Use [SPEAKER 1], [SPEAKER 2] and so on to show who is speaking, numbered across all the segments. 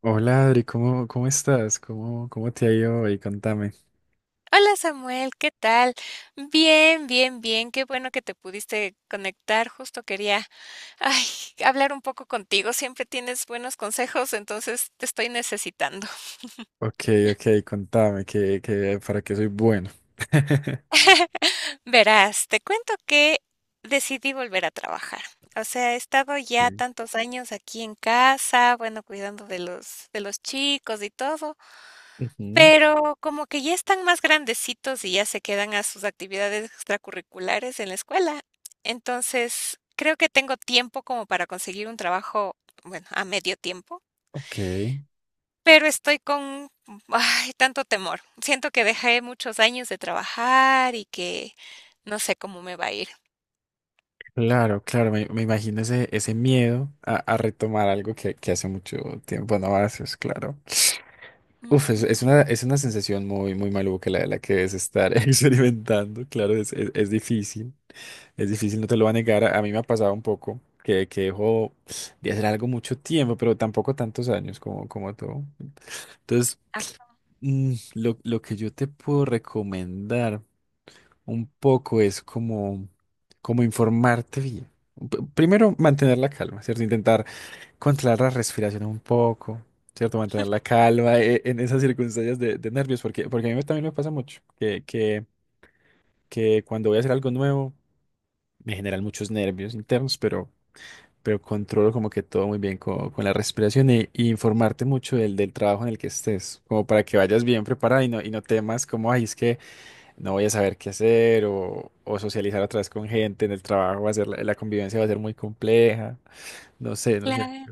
[SPEAKER 1] Hola Adri, ¿cómo estás? ¿Cómo te ha ido hoy? Contame.
[SPEAKER 2] Hola Samuel, ¿qué tal? Bien, bien, bien. Qué bueno que te pudiste conectar. Justo quería, ay, hablar un poco contigo. Siempre tienes buenos consejos, entonces te estoy necesitando.
[SPEAKER 1] Ok, ok, contame, que para qué soy bueno.
[SPEAKER 2] Verás, te cuento que decidí volver a trabajar. O sea, he estado ya
[SPEAKER 1] Ok.
[SPEAKER 2] tantos años aquí en casa, bueno, cuidando de los chicos y todo,
[SPEAKER 1] Ujú.
[SPEAKER 2] pero como que ya están más grandecitos y ya se quedan a sus actividades extracurriculares en la escuela. Entonces, creo que tengo tiempo como para conseguir un trabajo, bueno, a medio tiempo,
[SPEAKER 1] Ok,
[SPEAKER 2] pero estoy con, ay, tanto temor. Siento que dejé muchos años de trabajar y que no sé cómo me va a ir.
[SPEAKER 1] claro, claro, me imagino ese miedo a retomar algo que hace mucho tiempo no haces, claro. Uf, es,
[SPEAKER 2] Ujú,
[SPEAKER 1] es una, es una sensación muy, muy maluca la que debes estar experimentando, claro, es difícil. Es difícil, no te lo voy a negar. A mí me ha pasado un poco que dejo de hacer algo mucho tiempo, pero tampoco tantos años como tú. Entonces,
[SPEAKER 2] ah,
[SPEAKER 1] lo que yo te puedo recomendar un poco es como informarte bien. Primero, mantener la calma, ¿cierto? Intentar controlar la respiración un poco, ¿cierto? Mantener la calma en esas circunstancias de nervios, porque a mí también me pasa mucho que cuando voy a hacer algo nuevo, me generan muchos nervios internos, pero controlo como que todo muy bien con, la respiración y informarte mucho del trabajo en el que estés, como para que vayas bien preparada y no temas como, ay, es que no voy a saber qué hacer o socializar otra vez con gente en el trabajo, va a ser, la convivencia va a ser muy compleja, no sé, no sé.
[SPEAKER 2] claro.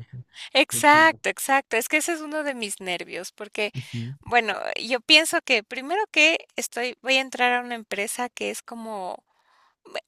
[SPEAKER 1] Ujú.
[SPEAKER 2] Exacto, exacto. Es que ese es uno de mis nervios, porque, bueno, yo pienso que primero voy a entrar a una empresa que es como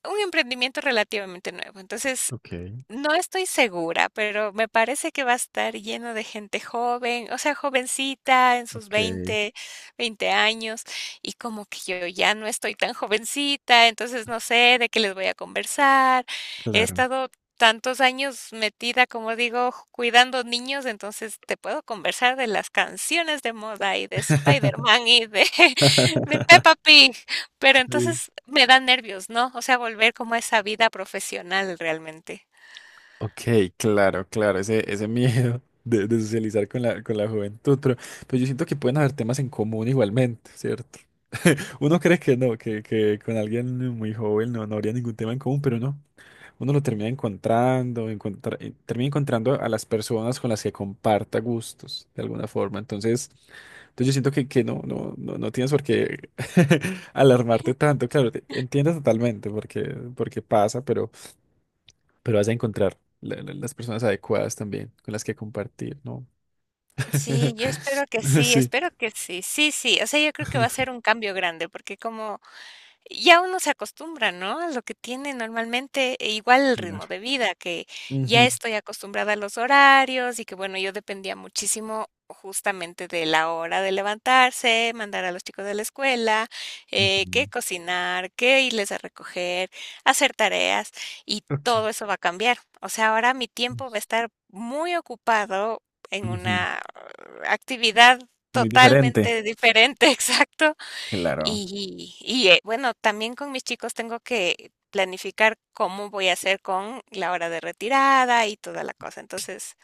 [SPEAKER 2] un emprendimiento relativamente nuevo. Entonces,
[SPEAKER 1] Ok,
[SPEAKER 2] no estoy segura, pero me parece que va a estar lleno de gente joven, o sea, jovencita, en sus
[SPEAKER 1] ok,
[SPEAKER 2] veinte años, y como que yo ya no estoy tan jovencita, entonces no sé de qué les voy a conversar. He
[SPEAKER 1] claro.
[SPEAKER 2] estado tantos años metida, como digo, cuidando niños, entonces te puedo conversar de las canciones de moda y de Spider-Man y de, de Peppa Pig, pero
[SPEAKER 1] Sí.
[SPEAKER 2] entonces me dan nervios, ¿no? O sea, volver como a esa vida profesional realmente.
[SPEAKER 1] Ok, claro, claro, ese miedo de socializar con la juventud, pero yo siento que pueden haber temas en común igualmente, ¿cierto? Uno cree que no, que con alguien muy joven no habría ningún tema en común, pero no. Uno lo termina encontrando a las personas con las que comparta gustos, de alguna forma. Entonces, yo siento que no tienes por qué alarmarte tanto. Claro, entiendo totalmente porque pasa, pero vas a encontrar las personas adecuadas también con las que compartir, ¿no?
[SPEAKER 2] Sí, yo espero que sí,
[SPEAKER 1] Sí.
[SPEAKER 2] espero que sí. Sí, sí, o sea, yo creo que va a ser un cambio grande, porque como ya uno se acostumbra, ¿no? A lo que tiene normalmente, e igual el ritmo
[SPEAKER 1] Claro.
[SPEAKER 2] de vida, que ya
[SPEAKER 1] Ujú.
[SPEAKER 2] estoy acostumbrada a los horarios y que, bueno, yo dependía muchísimo justamente de la hora de levantarse, mandar a los chicos de la escuela, que
[SPEAKER 1] Ujú.
[SPEAKER 2] cocinar, qué irles a recoger, hacer tareas y
[SPEAKER 1] Ok.
[SPEAKER 2] todo eso va a cambiar. O sea, ahora mi tiempo va a estar muy ocupado en
[SPEAKER 1] Ujú.
[SPEAKER 2] una actividad
[SPEAKER 1] Muy diferente.
[SPEAKER 2] totalmente diferente, exacto.
[SPEAKER 1] Claro,
[SPEAKER 2] Y, bueno, también con mis chicos tengo que planificar cómo voy a hacer con la hora de retirada y toda la cosa. Entonces,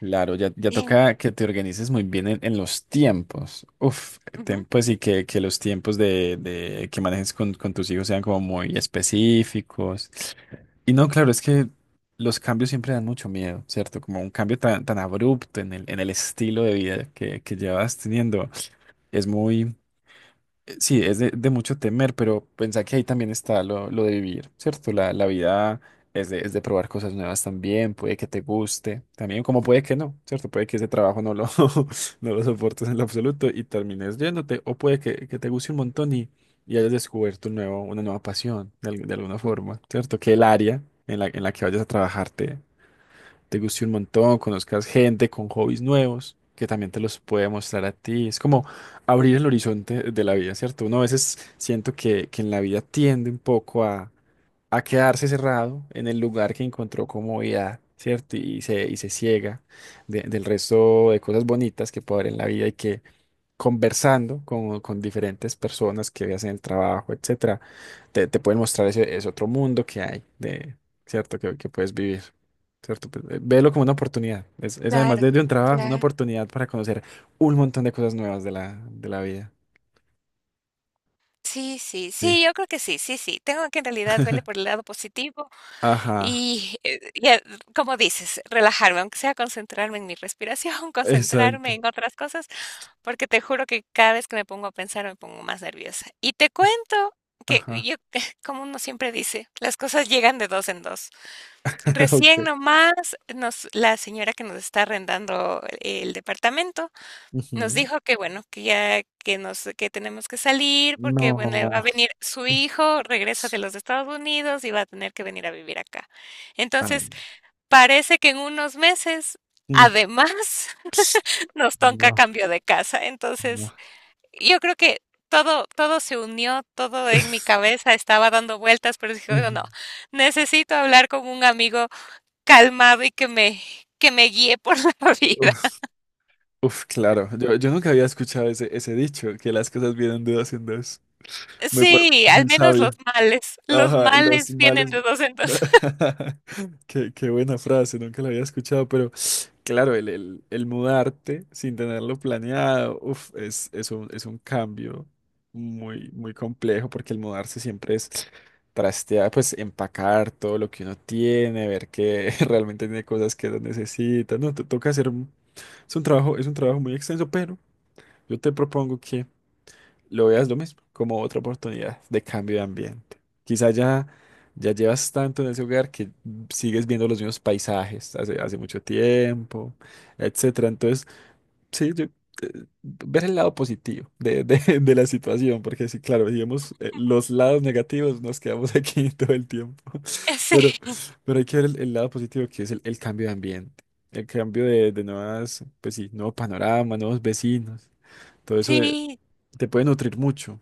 [SPEAKER 1] claro, ya
[SPEAKER 2] eh,
[SPEAKER 1] toca que te organices muy bien en los tiempos. Uf,
[SPEAKER 2] ujú,
[SPEAKER 1] pues y que los tiempos de que manejes con tus hijos sean como muy específicos. Y no, claro, es que los cambios siempre dan mucho miedo, ¿cierto? Como un cambio tan, tan abrupto en el estilo de vida que llevas teniendo. Es muy, Sí, es de mucho temer, pero pensá que ahí también está lo de vivir, ¿cierto? La vida es de probar cosas nuevas también, puede que te guste, también como puede que no, ¿cierto? Puede que ese trabajo no lo soportes en lo absoluto y termines yéndote, o puede que te guste un montón y hayas descubierto una nueva pasión de alguna
[SPEAKER 2] ujú,
[SPEAKER 1] forma, ¿cierto? Que el área en la que vayas a trabajarte te guste un montón, conozcas gente con hobbies nuevos, que también te los puede mostrar a ti. Es como abrir el horizonte de la vida, ¿cierto? Uno a veces siento que en la vida tiende un poco a quedarse cerrado en el lugar que encontró comodidad, ¿cierto? Y se ciega del resto de cosas bonitas que puede haber en la vida y que conversando con diferentes personas que hacen el trabajo, etcétera, te pueden mostrar ese otro mundo que hay, ¿cierto? Que puedes vivir, ¿cierto? Pues, velo como una oportunidad. Es además
[SPEAKER 2] claro,
[SPEAKER 1] de un trabajo, una
[SPEAKER 2] claro.
[SPEAKER 1] oportunidad para conocer un montón de cosas nuevas de la vida.
[SPEAKER 2] Sí, sí,
[SPEAKER 1] Sí.
[SPEAKER 2] sí, yo creo que sí, sí, sí. Tengo que en realidad verle por el lado positivo
[SPEAKER 1] Ajá,
[SPEAKER 2] y, como dices, relajarme, aunque sea concentrarme en mi respiración, concentrarme
[SPEAKER 1] exacto.
[SPEAKER 2] en otras cosas, porque te juro que cada vez que me pongo a pensar me pongo más nerviosa. Y te cuento que
[SPEAKER 1] Ajá.
[SPEAKER 2] yo, como uno siempre dice, las cosas llegan de dos en dos. Recién
[SPEAKER 1] Ok.
[SPEAKER 2] nomás la señora que nos está arrendando el departamento nos
[SPEAKER 1] Ujú.
[SPEAKER 2] dijo que bueno, que ya que tenemos que salir porque bueno, va a
[SPEAKER 1] No.
[SPEAKER 2] venir su hijo, regresa de los Estados Unidos y va a tener que venir a vivir acá. Entonces,
[SPEAKER 1] Ay.
[SPEAKER 2] parece que en unos meses,
[SPEAKER 1] Mm.
[SPEAKER 2] además, nos toca
[SPEAKER 1] No,
[SPEAKER 2] cambio de casa.
[SPEAKER 1] no.
[SPEAKER 2] Entonces, yo creo que todo, todo se unió, todo en mi cabeza estaba dando vueltas, pero dije: "Oiga,
[SPEAKER 1] Ujú.
[SPEAKER 2] no, necesito hablar con un amigo calmado y que me guíe por la vida".
[SPEAKER 1] Uf, claro. Yo nunca había escuchado ese dicho, que las cosas vienen de dos en dos. Muy, pa-
[SPEAKER 2] Sí, al
[SPEAKER 1] muy
[SPEAKER 2] menos
[SPEAKER 1] sabio.
[SPEAKER 2] los
[SPEAKER 1] Ajá, los
[SPEAKER 2] males vienen
[SPEAKER 1] males.
[SPEAKER 2] de dos en dos.
[SPEAKER 1] Qué buena frase, nunca la había escuchado, pero claro, el mudarte sin tenerlo planeado, uf, es un cambio muy, muy complejo porque el mudarse siempre es trastear, pues empacar todo lo que uno tiene, ver que realmente tiene cosas que no necesita, no, te toca hacer, es un trabajo muy extenso, pero yo te propongo lo veas lo mismo, como otra oportunidad de cambio de ambiente. Quizá ya llevas tanto en ese hogar que sigues viendo los mismos paisajes hace mucho tiempo, etcétera. Entonces, sí, ver el lado positivo de la situación, porque sí, claro, digamos, los lados negativos nos quedamos aquí todo el tiempo,
[SPEAKER 2] Sí,
[SPEAKER 1] pero, pero hay que ver el lado positivo que es el cambio de ambiente. El cambio de nuevas, pues sí, nuevo panorama, nuevos vecinos. Todo eso,
[SPEAKER 2] sí,
[SPEAKER 1] te puede nutrir mucho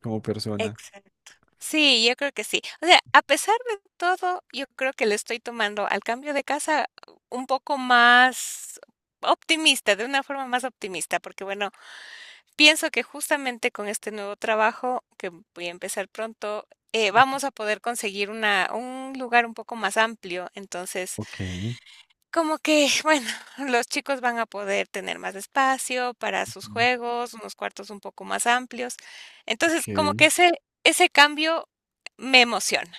[SPEAKER 1] como persona.
[SPEAKER 2] exacto. Sí, yo creo que sí. O sea, a pesar de todo, yo creo que le estoy tomando al cambio de casa un poco más optimista, de una forma más optimista, porque bueno, pienso que justamente con este nuevo trabajo, que voy a empezar pronto, vamos a poder conseguir un lugar un poco más amplio. Entonces,
[SPEAKER 1] Ok.
[SPEAKER 2] como que, bueno, los chicos van a poder tener más espacio para sus
[SPEAKER 1] Ujú.
[SPEAKER 2] juegos, unos cuartos un poco más amplios.
[SPEAKER 1] Ok,
[SPEAKER 2] Entonces, como que ese cambio me emociona.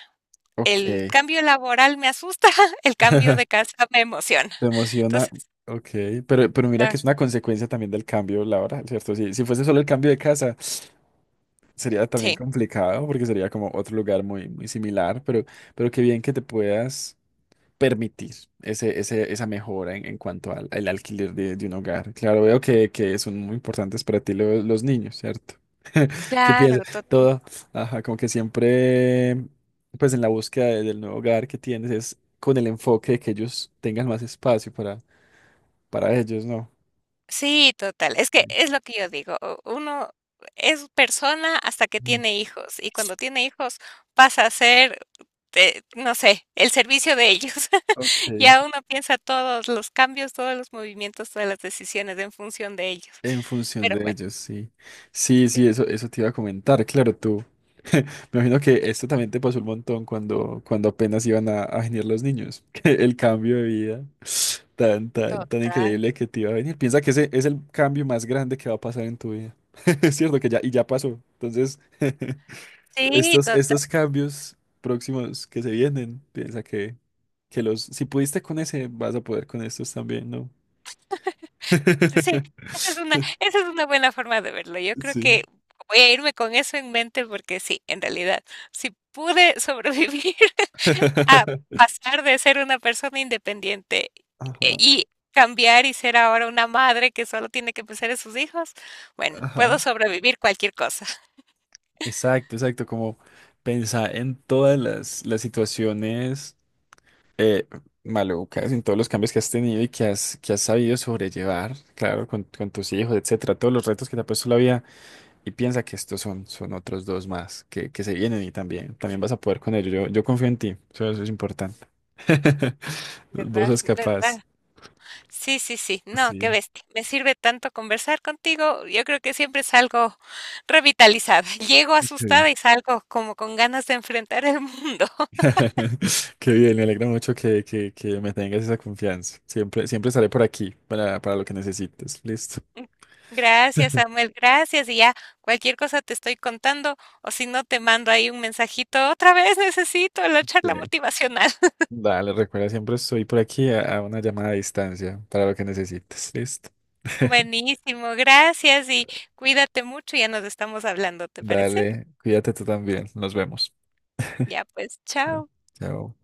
[SPEAKER 1] ok.
[SPEAKER 2] El cambio laboral me asusta, el cambio de casa me emociona.
[SPEAKER 1] Te emociona.
[SPEAKER 2] Entonces,
[SPEAKER 1] Ok, pero mira que
[SPEAKER 2] ah,
[SPEAKER 1] es una consecuencia también del cambio laboral, ¿cierto? Si fuese solo el cambio de casa, sería también
[SPEAKER 2] sí,
[SPEAKER 1] complicado porque sería como otro lugar muy, muy similar, pero qué bien que te puedas permitir esa mejora en cuanto al alquiler de un hogar. Claro, veo que son muy importantes para ti los niños, ¿cierto? ¿Qué piensas?
[SPEAKER 2] claro,
[SPEAKER 1] Todo, ajá, como que siempre, pues en la búsqueda del nuevo hogar que tienes es con el enfoque de que ellos tengan más espacio para ellos, ¿no?
[SPEAKER 2] sí, total. Es que es lo que yo digo, uno es persona hasta que
[SPEAKER 1] Mm.
[SPEAKER 2] tiene hijos y cuando tiene hijos pasa a ser, no sé, el servicio de ellos.
[SPEAKER 1] Ok.
[SPEAKER 2] Ya uno piensa todos los cambios, todos los movimientos, todas las decisiones en función de ellos.
[SPEAKER 1] En función
[SPEAKER 2] Pero
[SPEAKER 1] de
[SPEAKER 2] bueno,
[SPEAKER 1] ellos, sí. Sí, sí,
[SPEAKER 2] sí,
[SPEAKER 1] eso te iba a comentar. Claro, tú. Me imagino que esto también te pasó un montón cuando apenas iban a venir los niños. que el cambio de vida tan, tan, tan
[SPEAKER 2] total.
[SPEAKER 1] increíble que te iba a venir. Piensa que ese es el cambio más grande que va a pasar en tu vida. Es cierto que ya pasó. Entonces,
[SPEAKER 2] Sí,
[SPEAKER 1] estos,
[SPEAKER 2] total.
[SPEAKER 1] estos cambios próximos que se vienen, piensa que si pudiste con ese, vas a poder con estos también, ¿no?
[SPEAKER 2] Sí, esa es una buena forma de verlo. Yo creo
[SPEAKER 1] Sí.
[SPEAKER 2] que voy a irme con eso en mente porque sí, en realidad, si pude sobrevivir a pasar de ser una persona independiente
[SPEAKER 1] Ajá,
[SPEAKER 2] y cambiar y ser ahora una madre que solo tiene que pensar en sus hijos, bueno,
[SPEAKER 1] ajá.
[SPEAKER 2] puedo sobrevivir cualquier cosa.
[SPEAKER 1] Exacto, exacto, como pensar en todas las situaciones, eh, malucas, en todos los cambios que has tenido y que has sabido sobrellevar, claro, con tus hijos, etcétera, todos los retos que te ha puesto la vida y piensa que estos son otros dos más que se vienen y también, también vas a poder con ellos. Yo confío en ti, eso es importante. Vos
[SPEAKER 2] ¿Verdad?
[SPEAKER 1] sos capaz.
[SPEAKER 2] ¿Verdad? Sí, sí, sí. No, qué
[SPEAKER 1] Sí.
[SPEAKER 2] bestia. Me sirve tanto conversar contigo. Yo creo que siempre salgo revitalizada. Llego
[SPEAKER 1] Sí.
[SPEAKER 2] asustada y salgo como con ganas de enfrentar el mundo.
[SPEAKER 1] Qué bien, me alegra mucho que me tengas esa confianza. Siempre, siempre estaré por aquí para lo que necesites. Listo.
[SPEAKER 2] Gracias, Samuel. Gracias. Y ya cualquier cosa te estoy contando o si no te mando ahí un mensajito. Otra vez necesito la
[SPEAKER 1] Sí.
[SPEAKER 2] charla motivacional.
[SPEAKER 1] Dale, recuerda, siempre estoy por aquí a una llamada a distancia para lo que necesites. Listo.
[SPEAKER 2] Buenísimo. Gracias y cuídate mucho. Ya nos estamos hablando, ¿te parece?
[SPEAKER 1] Dale, cuídate tú también. Nos vemos.
[SPEAKER 2] Ya pues,
[SPEAKER 1] Chao.
[SPEAKER 2] chao.
[SPEAKER 1] Chao.